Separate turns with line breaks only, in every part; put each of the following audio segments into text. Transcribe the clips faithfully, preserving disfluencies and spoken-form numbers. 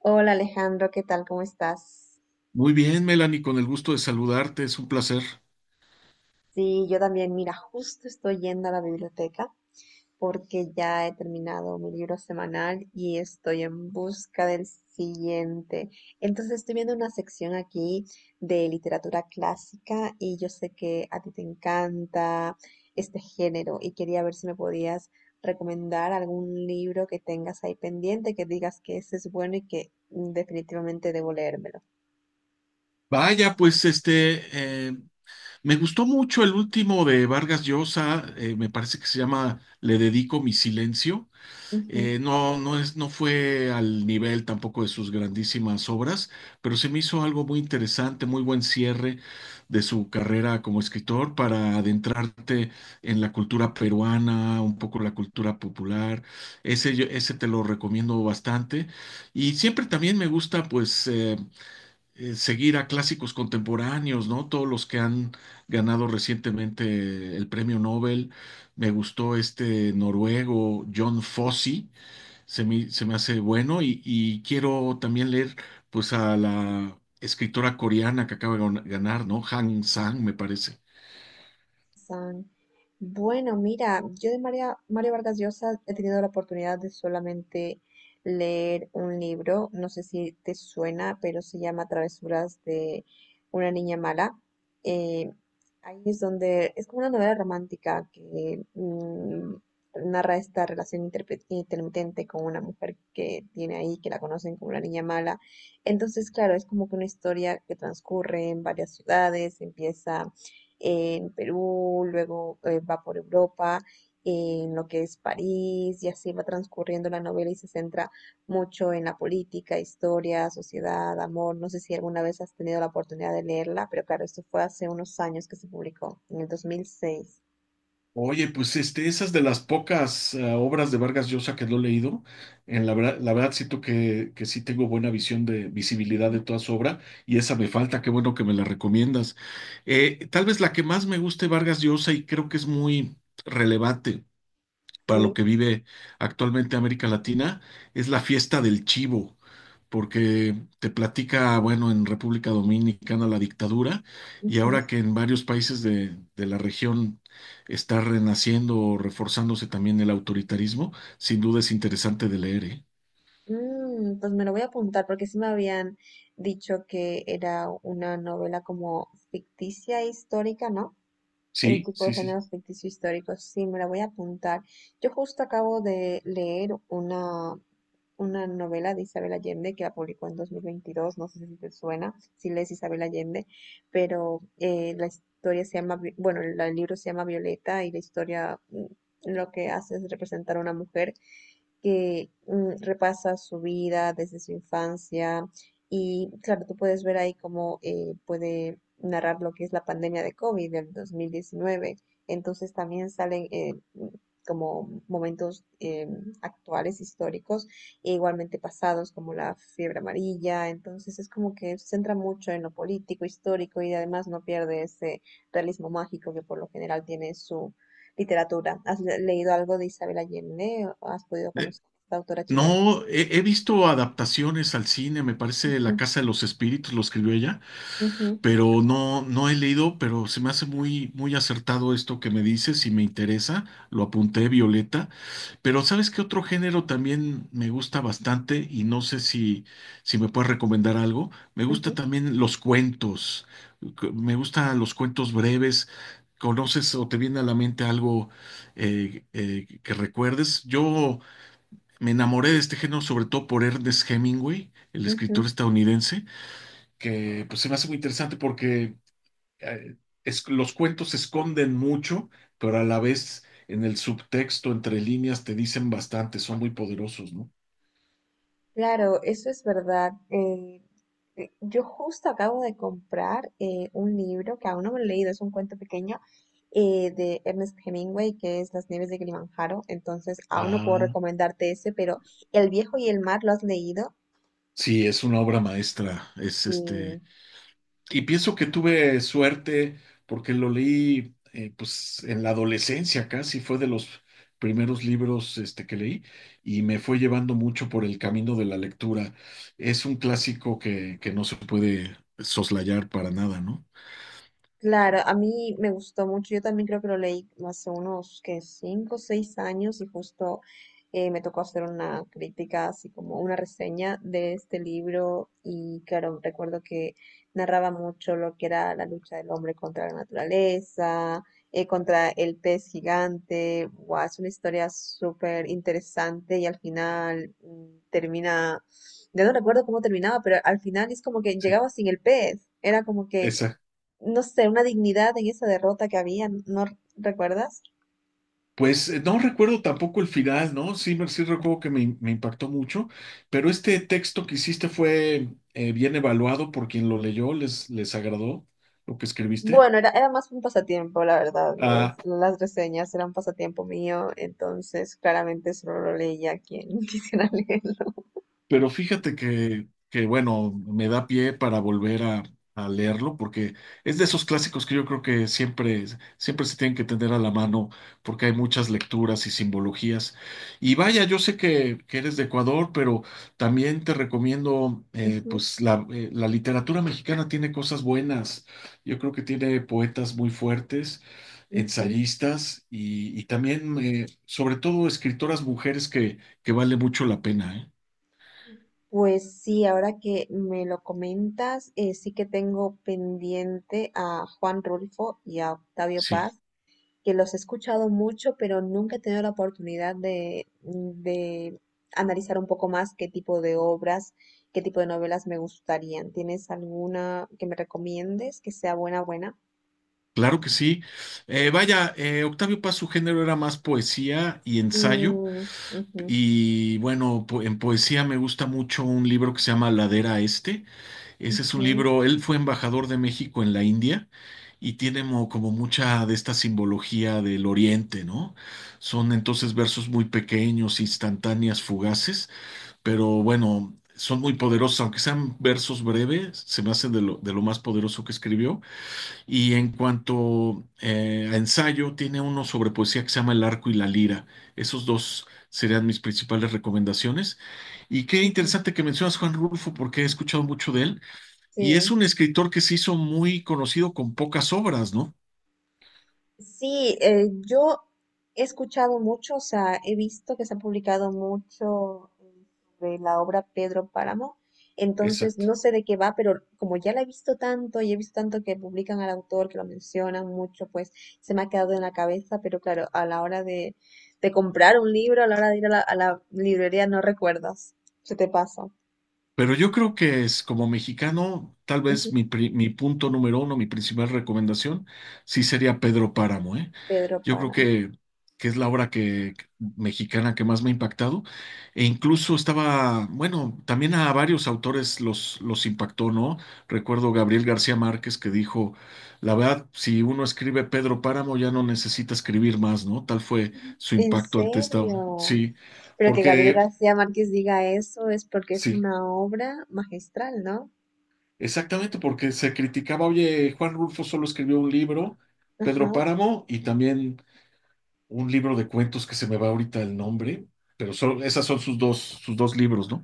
Hola Alejandro, ¿qué tal? ¿Cómo estás?
Muy bien, Melanie, con el gusto de saludarte, es un placer.
Sí, yo también, mira, justo estoy yendo a la biblioteca porque ya he terminado mi libro semanal y estoy en busca del siguiente. Entonces estoy viendo una sección aquí de literatura clásica y yo sé que a ti te encanta este género y quería ver si me podías recomendar algún libro que tengas ahí pendiente, que digas que ese es bueno y que mm, definitivamente debo leérmelo.
Vaya, pues este, eh, me gustó mucho el último de Vargas Llosa. Eh, me parece que se llama Le dedico mi silencio. Eh, no, no es, no fue al nivel tampoco de sus grandísimas obras, pero se me hizo algo muy interesante, muy buen cierre de su carrera como escritor para adentrarte en la cultura peruana, un poco la cultura popular. Ese, yo- ese te lo recomiendo bastante. Y siempre también me gusta, pues, eh, eh, seguir a clásicos contemporáneos, ¿no? Todos los que han ganado recientemente el premio Nobel. Me gustó este noruego, John Fosse se me, se me hace bueno y, y quiero también leer pues a la escritora coreana que acaba de gan- ganar, ¿no? Han Sang, me parece.
San. Bueno, mira, yo de María, Mario Vargas Llosa he tenido la oportunidad de solamente leer un libro, no sé si te suena, pero se llama Travesuras de una niña mala. Eh, Ahí es donde es como una novela romántica que mm, narra esta relación interpe- intermitente con una mujer que tiene ahí, que la conocen como la niña mala. Entonces, claro, es como que una historia que transcurre en varias ciudades, empieza en Perú, luego eh, va por Europa, en lo que es París, y así va transcurriendo la novela y se centra mucho en la política, historia, sociedad, amor. No sé si alguna vez has tenido la oportunidad de leerla, pero claro, esto fue hace unos años que se publicó, en el dos mil seis.
Oye, pues este, esa es de las pocas eh, obras de Vargas Llosa que no he leído. En la verdad, la verdad siento que, que sí tengo buena visión de visibilidad
Ujú.
de toda su obra y esa me falta. Qué bueno que me la recomiendas. Eh, tal vez la que más me guste Vargas Llosa y creo que es muy relevante para
Sí.
lo que vive actualmente América Latina, es La fiesta del chivo, porque te platica, bueno, en República Dominicana la dictadura, y
Ujú.
ahora que en varios países de, de la región está renaciendo o reforzándose también el autoritarismo, sin duda es interesante de leer, ¿eh?
Mm, pues me lo voy a apuntar porque sí me habían dicho que era una novela como ficticia e histórica, ¿no? El
Sí,
tipo de
sí, sí.
géneros ficticio históricos. Sí, me la voy a apuntar. Yo justo acabo de leer una, una novela de Isabel Allende que la publicó en dos mil veintidós, no sé si te suena, si lees Isabel Allende, pero eh, la historia se llama, Vi- bueno, la- el libro se llama Violeta y la historia mm, lo que hace es representar a una mujer que mm, repasa su vida desde su infancia y claro, tú puedes ver ahí cómo eh, puede narrar lo que es la pandemia de COVID del dos mil diecinueve. Entonces también salen eh, m- como momentos eh, actuales, históricos, e igualmente pasados, como la fiebre amarilla. Entonces es como que se centra mucho en lo político, histórico y además no pierde ese realismo mágico que por lo general tiene su literatura. ¿Has le- leído algo de Isabel Allende? ¿Has podido
Eh,
conocer a esta autora chilena?
No, he, he visto adaptaciones al cine. Me parece La
Ujú,
Casa de los Espíritus, lo escribió ella,
ujú,
pero no, no he leído, pero se me hace muy, muy acertado esto que me dices y me interesa. Lo apunté, Violeta. Pero ¿sabes qué otro género también me gusta bastante? Y no sé si, si me puedes recomendar algo. Me gusta
ujú,
también los cuentos. Cu- Me gustan los cuentos breves. ¿Conoces o te viene a la mente algo eh, eh, que recuerdes? Yo me enamoré de este género sobre todo por Ernest Hemingway, el
ujú.
escritor estadounidense que pues se me hace muy interesante porque eh, es- los cuentos esconden mucho, pero a la vez en el subtexto, entre líneas, te dicen bastante, son muy poderosos, ¿no?
Claro, eso es verdad. Eh, eh, yo justo acabo de comprar eh, un libro que aún no me lo he leído, es un cuento pequeño eh, de Ernest Hemingway, que es Las nieves de Kilimanjaro. Entonces, aún no puedo
Ah,
recomendarte ese, pero El viejo y el mar, ¿lo has leído?
sí, es una obra maestra, es
Sí.
este, y pienso que tuve suerte porque lo leí, eh, pues, en la adolescencia casi, fue de los primeros libros, este, que leí y me fue llevando mucho por el camino de la lectura. Es un clásico que, que no se puede soslayar para nada, ¿no?
Claro, a mí me gustó mucho. Yo también creo que lo leí hace unos que cinco o seis años y justo eh, me tocó hacer una crítica, así como una reseña de este libro. Y claro, recuerdo que narraba mucho lo que era la lucha del hombre contra la naturaleza, eh, contra el pez gigante. Guau, es una historia súper interesante y al final mm, termina, ya no recuerdo cómo terminaba, pero al final es como que
Sí,
llegaba sin el pez. Era como que
exacto.
no sé, una dignidad en esa derrota que había, ¿no recuerdas?
Pues eh, no recuerdo tampoco el final, ¿no? Sí, me- sí recuerdo que me, me impactó mucho, pero este texto que hiciste fue eh, bien evaluado por quien lo leyó, les, les agradó lo que escribiste.
Bueno, era, era más un pasatiempo, la verdad.
Ah,
Pues, las reseñas eran pasatiempo mío, entonces claramente solo lo leía quien quisiera leer.
pero fíjate que, que, bueno, me da pie para volver a, a leerlo, porque es de esos clásicos que yo creo que siempre, siempre se tienen que tener a la mano, porque hay muchas lecturas y simbologías. Y vaya, yo sé que, que eres de Ecuador, pero también te recomiendo, eh,
Ujú,
pues la, eh, la literatura mexicana tiene cosas buenas. Yo creo que tiene poetas muy fuertes,
ujú.
ensayistas y, y también, eh, sobre todo, escritoras mujeres que, que vale mucho la pena, ¿eh?
Pues sí, ahora que me lo comentas, eh, sí que tengo pendiente a Juan Rulfo y a Octavio
Sí.
Paz. Que los he escuchado mucho, pero nunca he tenido la oportunidad de, mm, de analizar un poco más qué tipo de obras, qué tipo de novelas me gustarían. ¿Tienes alguna que me recomiendes que sea buena, buena?
Claro que sí. Eh, vaya, eh, Octavio Paz, su género era más poesía y ensayo.
Mm, ujú,
Y bueno, po- en poesía me gusta mucho un libro que se llama Ladera Este. Ese es un
ujú,
libro, él fue embajador de México en la India y tiene mo- como mucha de esta simbología del Oriente, ¿no? Son entonces versos muy pequeños, instantáneas, fugaces, pero bueno, son muy poderosos, aunque sean versos breves, se me hacen de lo, de lo más poderoso que escribió. Y en cuanto eh, a ensayo, tiene uno sobre poesía que se llama El arco y la lira. Esos dos serían mis principales recomendaciones. Y qué
ujú.
interesante que mencionas Juan Rulfo, porque he escuchado mucho de él. Y es
Sí.
un escritor que se hizo muy conocido con pocas obras, ¿no?
Sí, eh, yo he escuchado mucho, o sea, he visto que se ha publicado mucho de la obra Pedro Páramo, entonces
Exacto.
no sé de qué va, pero como ya la he visto tanto y he visto tanto que publican al autor, que lo mencionan mucho, pues se me ha quedado en la cabeza, pero claro, a la hora de, de comprar un libro, a la hora de ir a la, a la librería no recuerdas, se te pasa.
Pero yo creo que es como mexicano, tal vez
Ujú,
mi, pri- mi punto número uno, mi principal recomendación, sí sería Pedro Páramo, ¿eh?
Pedro
Yo creo
Páramo.
que, que es la obra que, que- mexicana que más me ha impactado. E incluso estaba, bueno, también a varios autores los, los impactó, ¿no? Recuerdo Gabriel García Márquez que dijo, la verdad, si uno escribe Pedro Páramo ya no necesita escribir más, ¿no? Tal fue su
¿En
impacto ante esta,
serio?
sí,
Pero que Gabriel
porque...
García Márquez diga eso es porque es
Sí.
una obra magistral, ¿no?
Exactamente, porque se criticaba, oye, Juan Rulfo solo escribió un libro, Pedro
Ajá.
Páramo, y también un libro de cuentos que se me va ahorita el nombre, pero solo, esas son sus dos, sus dos libros, ¿no?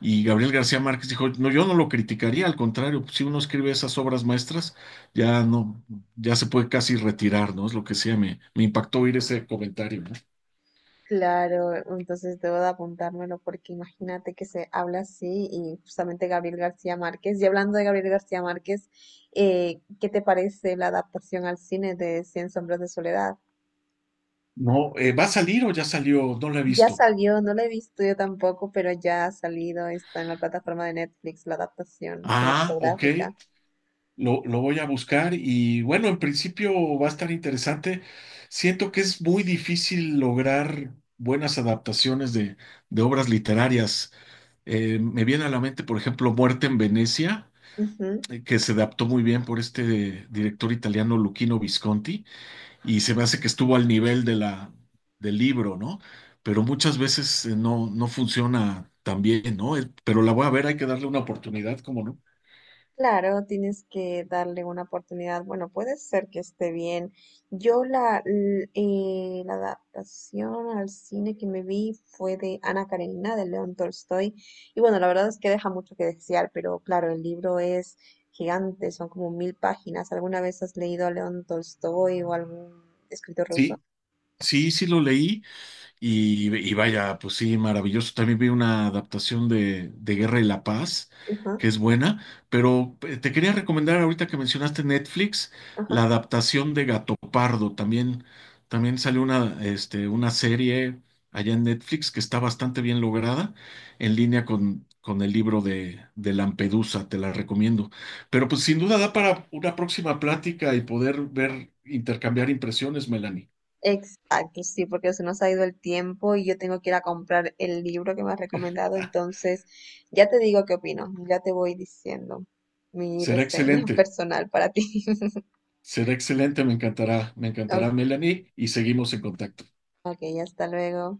Y Gabriel García Márquez dijo, no, yo no lo criticaría, al contrario, pues, si uno escribe esas obras maestras, ya no, ya se puede casi retirar, ¿no? Es lo que sea, me, me impactó oír ese comentario, ¿no?
Claro, entonces debo de apuntármelo porque imagínate que se habla así y justamente Gabriel García Márquez. Y hablando de Gabriel García Márquez, eh, ¿qué te parece la adaptación al cine de Cien Sombras de Soledad?
No, eh, ¿va a salir o ya salió? No lo he
Ya
visto.
salió, no la he visto yo tampoco, pero ya ha salido, está en la plataforma de Netflix, la adaptación
Ah, ok.
cinematográfica.
Lo, lo voy a buscar y bueno, en principio va a estar interesante. Siento que es muy difícil lograr buenas adaptaciones de, de obras literarias. Eh, me viene a la mente, por ejemplo, Muerte en Venecia, eh, que se adaptó muy bien por este director italiano Luchino Visconti, y se me hace que estuvo al nivel de la, del libro, ¿no? Pero muchas veces eh, no, no funciona tan bien, ¿no? Eh, Pero la voy a ver, hay que darle una oportunidad, ¿cómo no?
Claro, tienes que darle una oportunidad. Bueno, puede ser que esté bien. Yo la, l- eh, la adaptación al cine que me vi fue de Ana Karenina, de León Tolstoy. Y bueno, la verdad es que deja mucho que desear, pero claro, el libro es gigante, son como mil páginas. ¿Alguna vez has leído a León Tolstoy o algún escritor ruso?
Sí, sí, sí lo leí. Y, y vaya, pues sí, maravilloso. También vi una adaptación de, de Guerra y la Paz,
Ajá,
que es buena, pero eh, te quería recomendar ahorita que mencionaste Netflix,
ajá.
la adaptación de Gato Pardo. También, también salió una, este, una serie allá en Netflix que está bastante bien lograda, en línea con, con el libro de, de Lampedusa, te la recomiendo. Pero pues sin duda da para una próxima plática y poder ver, intercambiar impresiones, Melanie.
Exacto, sí, porque se nos ha ido el tiempo y yo tengo que ir a comprar el libro que me has recomendado, entonces ya te digo qué opino, ya te voy diciendo mi
Será
reseña
excelente.
personal para ti.
Será excelente, me encantará, me encantará,
Ok,
Melanie, y seguimos en contacto.
ok, hasta luego.